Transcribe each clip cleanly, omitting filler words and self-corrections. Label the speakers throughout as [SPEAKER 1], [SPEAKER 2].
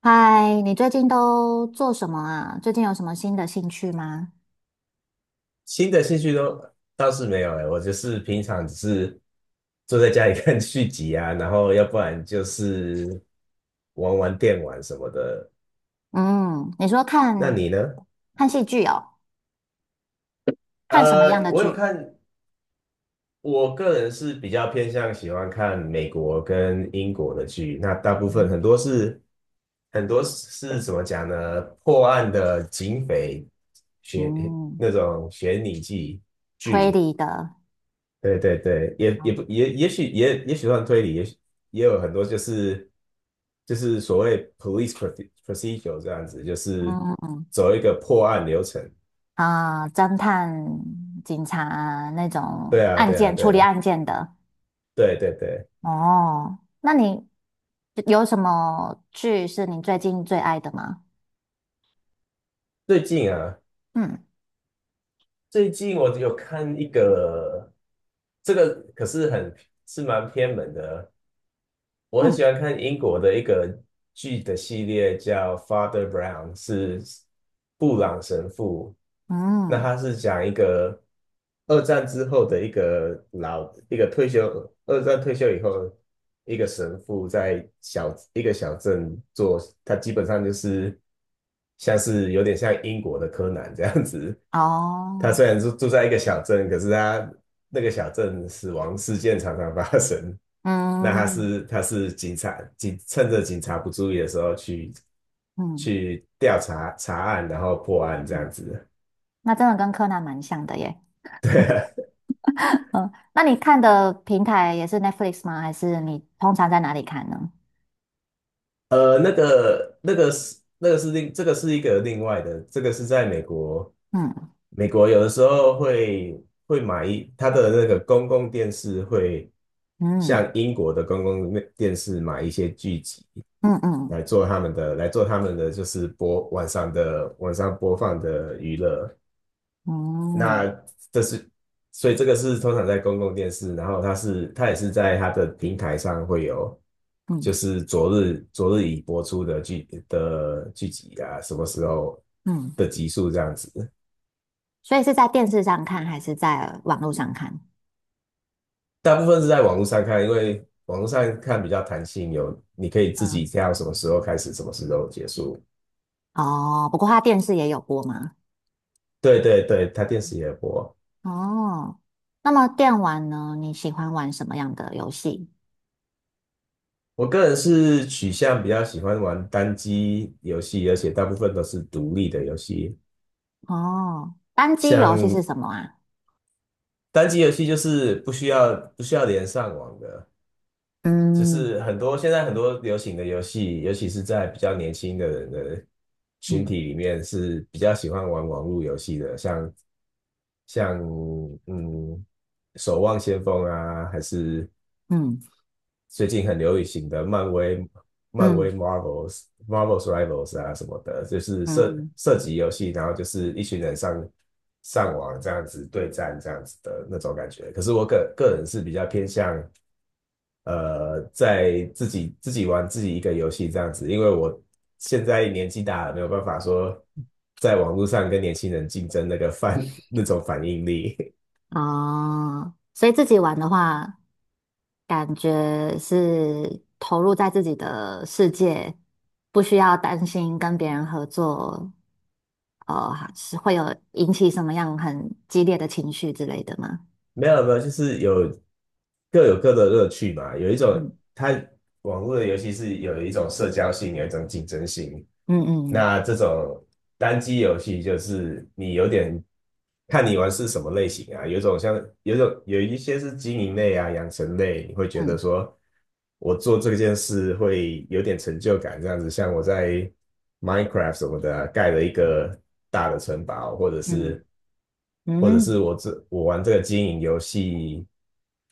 [SPEAKER 1] 嗨，你最近都做什么啊？最近有什么新的兴趣吗？
[SPEAKER 2] 新的兴趣都倒是没有哎，我就是平常只是坐在家里看续集啊，然后要不然就是玩玩电玩什么的。
[SPEAKER 1] 嗯，你说
[SPEAKER 2] 那
[SPEAKER 1] 看
[SPEAKER 2] 你呢？
[SPEAKER 1] 看戏剧哦，看什么样的
[SPEAKER 2] 我有
[SPEAKER 1] 剧？
[SPEAKER 2] 看，我个人是比较偏向喜欢看美国跟英国的剧，那大部分
[SPEAKER 1] 嗯，
[SPEAKER 2] 很多是怎么讲呢？破案的警匪悬
[SPEAKER 1] 嗯，
[SPEAKER 2] 那种悬疑剧
[SPEAKER 1] 推
[SPEAKER 2] 剧，
[SPEAKER 1] 理的，
[SPEAKER 2] 对对对，也也不
[SPEAKER 1] 嗯
[SPEAKER 2] 也也许也也许算推理，也许也有很多就是所谓 police procedure 这样子，就是
[SPEAKER 1] 嗯
[SPEAKER 2] 走一个破案流程。
[SPEAKER 1] 啊，侦探、警察啊那种
[SPEAKER 2] 对啊，
[SPEAKER 1] 案
[SPEAKER 2] 对啊，
[SPEAKER 1] 件处
[SPEAKER 2] 对
[SPEAKER 1] 理
[SPEAKER 2] 啊，
[SPEAKER 1] 案件的。
[SPEAKER 2] 对对对。
[SPEAKER 1] 哦，那你有什么剧是你最近最爱的吗？
[SPEAKER 2] 最近啊，
[SPEAKER 1] 嗯
[SPEAKER 2] 最近我有看一个，这个可是是蛮偏门的，我很
[SPEAKER 1] 嗯
[SPEAKER 2] 喜欢看英国的一个剧的系列，叫《Father Brown》，是布朗神父。那
[SPEAKER 1] 嗯，
[SPEAKER 2] 他是讲一个二战之后的一个老一个退休，二战退休以后，一个神父在一个小镇做，他基本上就是。像是有点像英国的柯南这样子。他
[SPEAKER 1] 哦，
[SPEAKER 2] 虽然住在一个小镇，可是他那个小镇死亡事件常常发生。那他
[SPEAKER 1] 嗯
[SPEAKER 2] 是他是警察，趁着警察不注意的时候去
[SPEAKER 1] 嗯。
[SPEAKER 2] 去查案，然后破案这样
[SPEAKER 1] 嗯
[SPEAKER 2] 子。
[SPEAKER 1] 那真的跟柯南蛮像的耶。
[SPEAKER 2] 对啊，
[SPEAKER 1] 嗯，那你看的平台也是 Netflix 吗？还是你通常在哪里看呢？
[SPEAKER 2] 那个那个是那个是另这个是一个另外的，这个是在美国。
[SPEAKER 1] 嗯
[SPEAKER 2] 美国有的时候会它的那个公共电视会
[SPEAKER 1] 嗯
[SPEAKER 2] 像英国的公共电视买一些剧集
[SPEAKER 1] 嗯嗯
[SPEAKER 2] 来做他们的就是播晚上的晚上播放的娱乐。
[SPEAKER 1] 嗯
[SPEAKER 2] 那这是，所以这个是通常在公共电视，然后它也是在它的平台上会有，
[SPEAKER 1] 嗯
[SPEAKER 2] 就是昨日已播出的剧集啊，什么时候
[SPEAKER 1] 嗯，
[SPEAKER 2] 的集数这样子。
[SPEAKER 1] 所以是在电视上看还是在网络上看？
[SPEAKER 2] 大部分是在网络上看，因为网络上看比较弹性，你可以自己
[SPEAKER 1] 嗯，
[SPEAKER 2] 挑什么时候开始，什么时候结束。
[SPEAKER 1] 哦，不过它电视也有播吗？
[SPEAKER 2] 对对对，它电视也播。
[SPEAKER 1] 哦，那么电玩呢？你喜欢玩什么样的游戏？
[SPEAKER 2] 我个人是取向比较喜欢玩单机游戏，而且大部分都是独立的游戏。
[SPEAKER 1] 哦，单机游戏是
[SPEAKER 2] 像
[SPEAKER 1] 什么啊？
[SPEAKER 2] 单机游戏就是不需要连上网的，就
[SPEAKER 1] 嗯
[SPEAKER 2] 是现在很多流行的游戏，尤其是在比较年轻的人的群体
[SPEAKER 1] 嗯
[SPEAKER 2] 里面是比较喜欢玩网络游戏的，像嗯《守望先锋》啊，还是
[SPEAKER 1] 嗯
[SPEAKER 2] 最近很流行的漫威、漫威
[SPEAKER 1] 嗯
[SPEAKER 2] Marvels、Marvels Rivals 啊什么的，就是
[SPEAKER 1] 嗯，
[SPEAKER 2] 涉及游戏，然后就是一群人上网这样子对战这样子的那种感觉。可是我个人是比较偏向在自己玩自己一个游戏这样子，因为我现在年纪大了，没有办法说在网络上跟年轻人竞争那个反 那种反应力。
[SPEAKER 1] 哦，所以自己玩的话，感觉是投入在自己的世界，不需要担心跟别人合作，是会有引起什么样很激烈的情绪之类的吗？
[SPEAKER 2] 没有没有，就是各有各的乐趣嘛。有一种，
[SPEAKER 1] 嗯
[SPEAKER 2] 它网络的游戏是有一种社交性，有一种竞争性。
[SPEAKER 1] 嗯嗯
[SPEAKER 2] 那这种单机游戏就是你有点看你玩是什么类型啊，有一种像有一种有一些是经营类啊、养成类，你会觉得
[SPEAKER 1] 嗯
[SPEAKER 2] 说我做这件事会有点成就感，这样子。像我在 Minecraft 什么的啊盖了一个大的城堡，或者
[SPEAKER 1] 嗯
[SPEAKER 2] 是或者是
[SPEAKER 1] 嗯
[SPEAKER 2] 我玩这个经营游戏，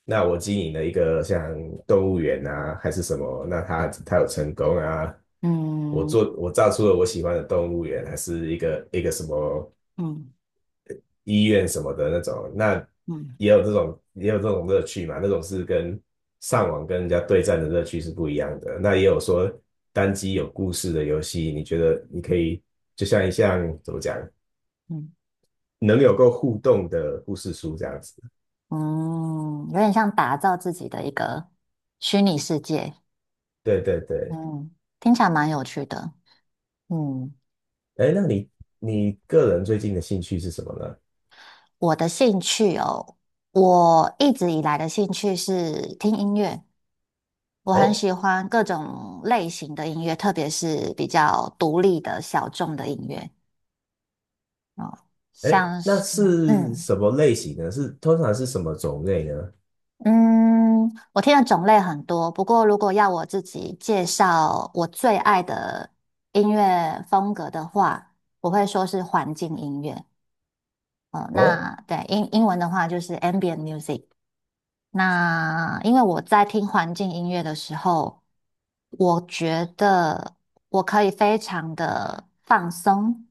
[SPEAKER 2] 那我经营了一个像动物园啊，还是什么，那它有成功啊，
[SPEAKER 1] 嗯
[SPEAKER 2] 我造出了我喜欢的动物园，还是一个什么
[SPEAKER 1] 嗯
[SPEAKER 2] 医院什么的那种，那也有这种乐趣嘛，那种是跟上网跟人家对战的乐趣是不一样的。那也有说单机有故事的游戏，你觉得你可以就像一项怎么讲，
[SPEAKER 1] 嗯
[SPEAKER 2] 能够互动的故事书这样子。
[SPEAKER 1] 嗯，有点像打造自己的一个虚拟世界，
[SPEAKER 2] 对对对，
[SPEAKER 1] 嗯，听起来蛮有趣的，嗯，
[SPEAKER 2] 哎，那你个人最近的兴趣是什么呢？
[SPEAKER 1] 我的兴趣哦。我一直以来的兴趣是听音乐，我很
[SPEAKER 2] 哦，
[SPEAKER 1] 喜欢各种类型的音乐，特别是比较独立的小众的音乐哦，
[SPEAKER 2] 哎，
[SPEAKER 1] 像
[SPEAKER 2] 那
[SPEAKER 1] 是
[SPEAKER 2] 是
[SPEAKER 1] 嗯
[SPEAKER 2] 什么类型呢？是通常是什么种类呢？
[SPEAKER 1] 嗯，我听的种类很多。不过，如果要我自己介绍我最爱的音乐风格的话，我会说是环境音乐。哦，
[SPEAKER 2] 哦
[SPEAKER 1] 那对英文的话就是 ambient music。那因为我在听环境音乐的时候，我觉得我可以非常的放松，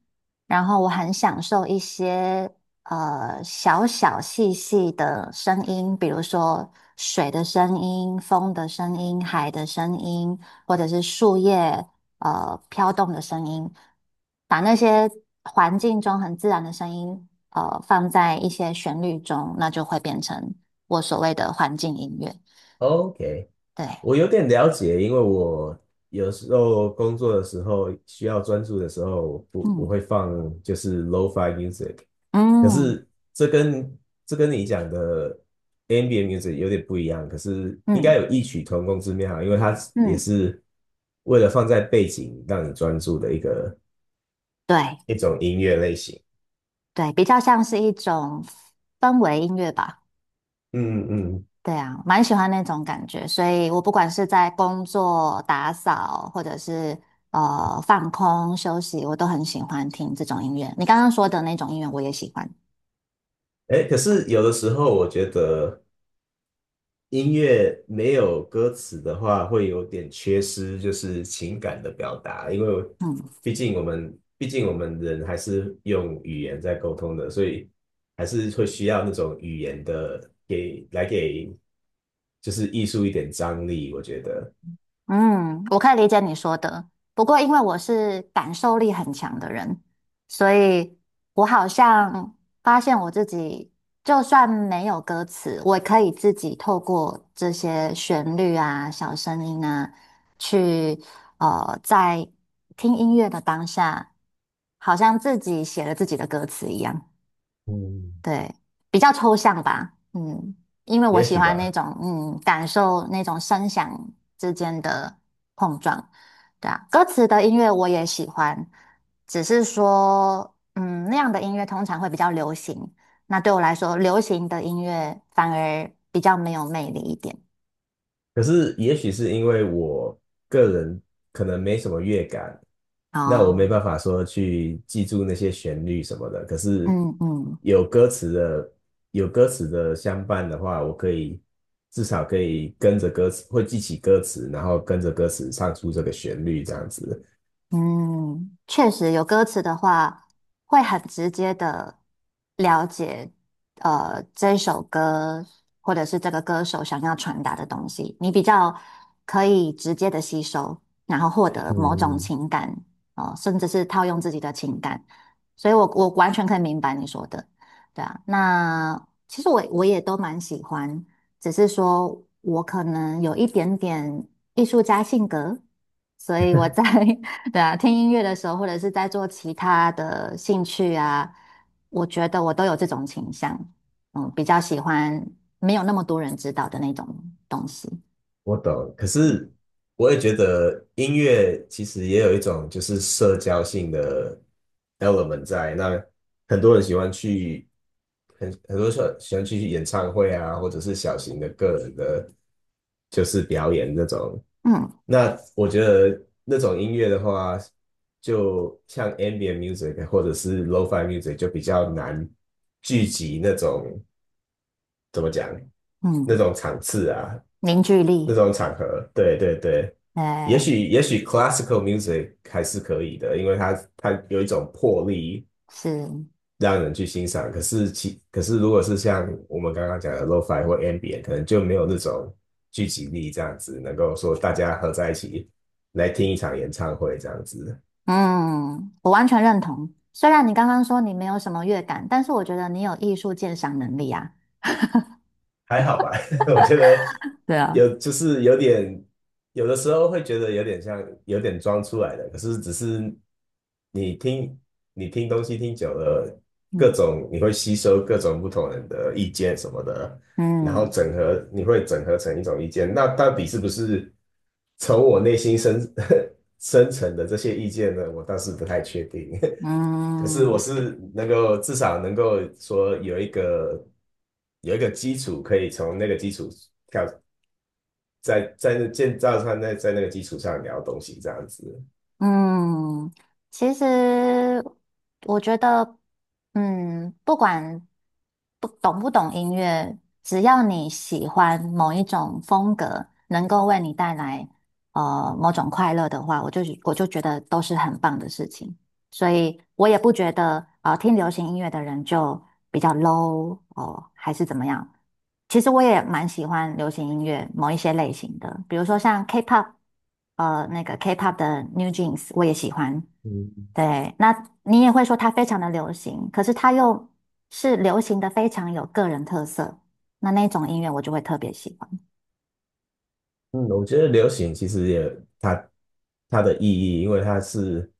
[SPEAKER 1] 然后我很享受一些小小细细的声音，比如说水的声音、风的声音、海的声音，或者是树叶飘动的声音，把那些环境中很自然的声音放在一些旋律中，那就会变成。我所谓的环境音乐。
[SPEAKER 2] ，OK，
[SPEAKER 1] 对，
[SPEAKER 2] 我有点了解，因为我有时候工作的时候需要专注的时候，我不我
[SPEAKER 1] 嗯
[SPEAKER 2] 会放就是 lo-fi music，可
[SPEAKER 1] 嗯
[SPEAKER 2] 是这跟这跟你讲的 ambient music 有点不一样，可是应该
[SPEAKER 1] 嗯
[SPEAKER 2] 有异曲同工之妙，因为它也
[SPEAKER 1] 嗯，
[SPEAKER 2] 是为了放在背景让你专注的一个
[SPEAKER 1] 对
[SPEAKER 2] 一种音乐类型。
[SPEAKER 1] 对，比较像是一种氛围音乐吧。
[SPEAKER 2] 嗯嗯，
[SPEAKER 1] 对啊，蛮喜欢那种感觉，所以我不管是在工作、打扫，或者是放空休息，我都很喜欢听这种音乐。你刚刚说的那种音乐，我也喜欢。
[SPEAKER 2] 哎，可是有的时候我觉得音乐没有歌词的话，会有点缺失，就是情感的表达。因为
[SPEAKER 1] 嗯。
[SPEAKER 2] 毕竟我们人还是用语言在沟通的，所以还是会需要那种语言的给来给，就是艺术一点张力。我觉得，
[SPEAKER 1] 嗯，我可以理解你说的。不过，因为我是感受力很强的人，所以我好像发现我自己，就算没有歌词，我也可以自己透过这些旋律啊、小声音啊，去在听音乐的当下，好像自己写了自己的歌词一样。
[SPEAKER 2] 嗯，
[SPEAKER 1] 对，比较抽象吧，嗯，因为我
[SPEAKER 2] 也
[SPEAKER 1] 喜
[SPEAKER 2] 许
[SPEAKER 1] 欢那
[SPEAKER 2] 吧。
[SPEAKER 1] 种，嗯，感受那种声响之间的碰撞，对啊，歌词的音乐我也喜欢，只是说，嗯，那样的音乐通常会比较流行，那对我来说，流行的音乐反而比较没有魅力一点。
[SPEAKER 2] 可是也许是因为我个人可能没什么乐感，那我没
[SPEAKER 1] 哦，
[SPEAKER 2] 办法说去记住那些旋律什么的。可是
[SPEAKER 1] 嗯嗯。
[SPEAKER 2] 有歌词的有歌词的相伴的话，我可以至少可以跟着歌词，会记起歌词，然后跟着歌词唱出这个旋律这样子。
[SPEAKER 1] 嗯，确实有歌词的话，会很直接的了解，这首歌或者是这个歌手想要传达的东西，你比较可以直接的吸收，然后获得某种
[SPEAKER 2] 嗯，
[SPEAKER 1] 情感，哦、甚至是套用自己的情感，所以我完全可以明白你说的，对啊，那其实我也都蛮喜欢，只是说我可能有一点点艺术家性格。所以我在 对啊，听音乐的时候，或者是在做其他的兴趣啊，我觉得我都有这种倾向，嗯，比较喜欢没有那么多人知道的那种东西，
[SPEAKER 2] 我懂，可是我也觉得音乐其实也有一种就是社交性的 element 在。那很多人喜欢去，很多人喜欢去演唱会啊，或者是小型的个人的，就是表演那种。
[SPEAKER 1] 嗯
[SPEAKER 2] 那我觉得那种音乐的话，就像 ambient music 或者是 lo-fi music 就比较难聚集怎么讲那
[SPEAKER 1] 嗯，
[SPEAKER 2] 种场次啊。
[SPEAKER 1] 凝聚
[SPEAKER 2] 那
[SPEAKER 1] 力，
[SPEAKER 2] 种场合，对对对，也
[SPEAKER 1] 对，
[SPEAKER 2] 许也许 classical music 还是可以的，因为它有一种魄力
[SPEAKER 1] 是，
[SPEAKER 2] 让人去欣赏。可是如果是像我们刚刚讲的 lo-fi 或 ambient，可能就没有那种聚集力这样子，能够说大家合在一起来听一场演唱会这样子。
[SPEAKER 1] 嗯，我完全认同。虽然你刚刚说你没有什么乐感，但是我觉得你有艺术鉴赏能力啊。
[SPEAKER 2] 还好吧，我觉得
[SPEAKER 1] 对啊，
[SPEAKER 2] 就是有点，有的时候会觉得有点装出来的，可是只是你听你听东西听久了，
[SPEAKER 1] 嗯
[SPEAKER 2] 你会吸收各种不同人的意见什么的，然后
[SPEAKER 1] 嗯
[SPEAKER 2] 你会整合成一种意见，那到底是不是从我内心深 深层的这些意见呢？我倒是不太确定。可是我
[SPEAKER 1] 嗯。
[SPEAKER 2] 是能够至少能够说有一个基础，可以从那个基础跳，在建造上，在那个基础上聊东西这样子。
[SPEAKER 1] 嗯，其实我觉得，嗯，不管不懂音乐，只要你喜欢某一种风格，能够为你带来某种快乐的话，我就觉得都是很棒的事情。所以我也不觉得听流行音乐的人就比较 low 哦，还是怎么样。其实我也蛮喜欢流行音乐某一些类型的，比如说像 K-pop，那个 K-pop 的 New Jeans 我也喜欢。
[SPEAKER 2] 嗯，
[SPEAKER 1] 对，那你也会说它非常的流行，可是它又是流行的非常有个人特色，那那种音乐我就会特别喜欢。
[SPEAKER 2] 嗯，我觉得流行其实也它它的意义，因为它是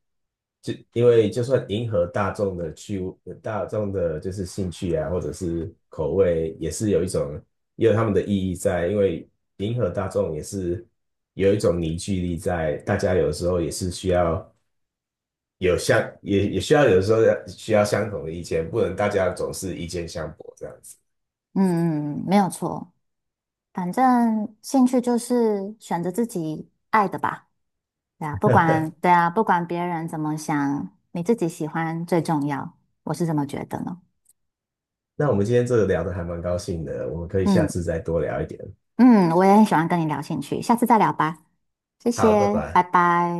[SPEAKER 2] 就因为就算迎合大众的趣味，大众的就是兴趣啊，或者是口味，也是有一种也有他们的意义在，因为迎合大众也是有一种凝聚力在，大家有的时候也是需要有相也也需要有的时候要需要相同的意见，不能大家总是意见相悖这样子。
[SPEAKER 1] 嗯嗯，嗯没有错。反正兴趣就是选择自己爱的吧，对啊，不管，对啊，不管别人怎么想，你自己喜欢最重要，我是这么觉得呢。
[SPEAKER 2] 那我们今天聊得还蛮高兴的，我们可以下
[SPEAKER 1] 嗯
[SPEAKER 2] 次再多聊一点。
[SPEAKER 1] 嗯，我也很喜欢跟你聊兴趣，下次再聊吧，谢
[SPEAKER 2] 好，拜
[SPEAKER 1] 谢，拜
[SPEAKER 2] 拜。
[SPEAKER 1] 拜。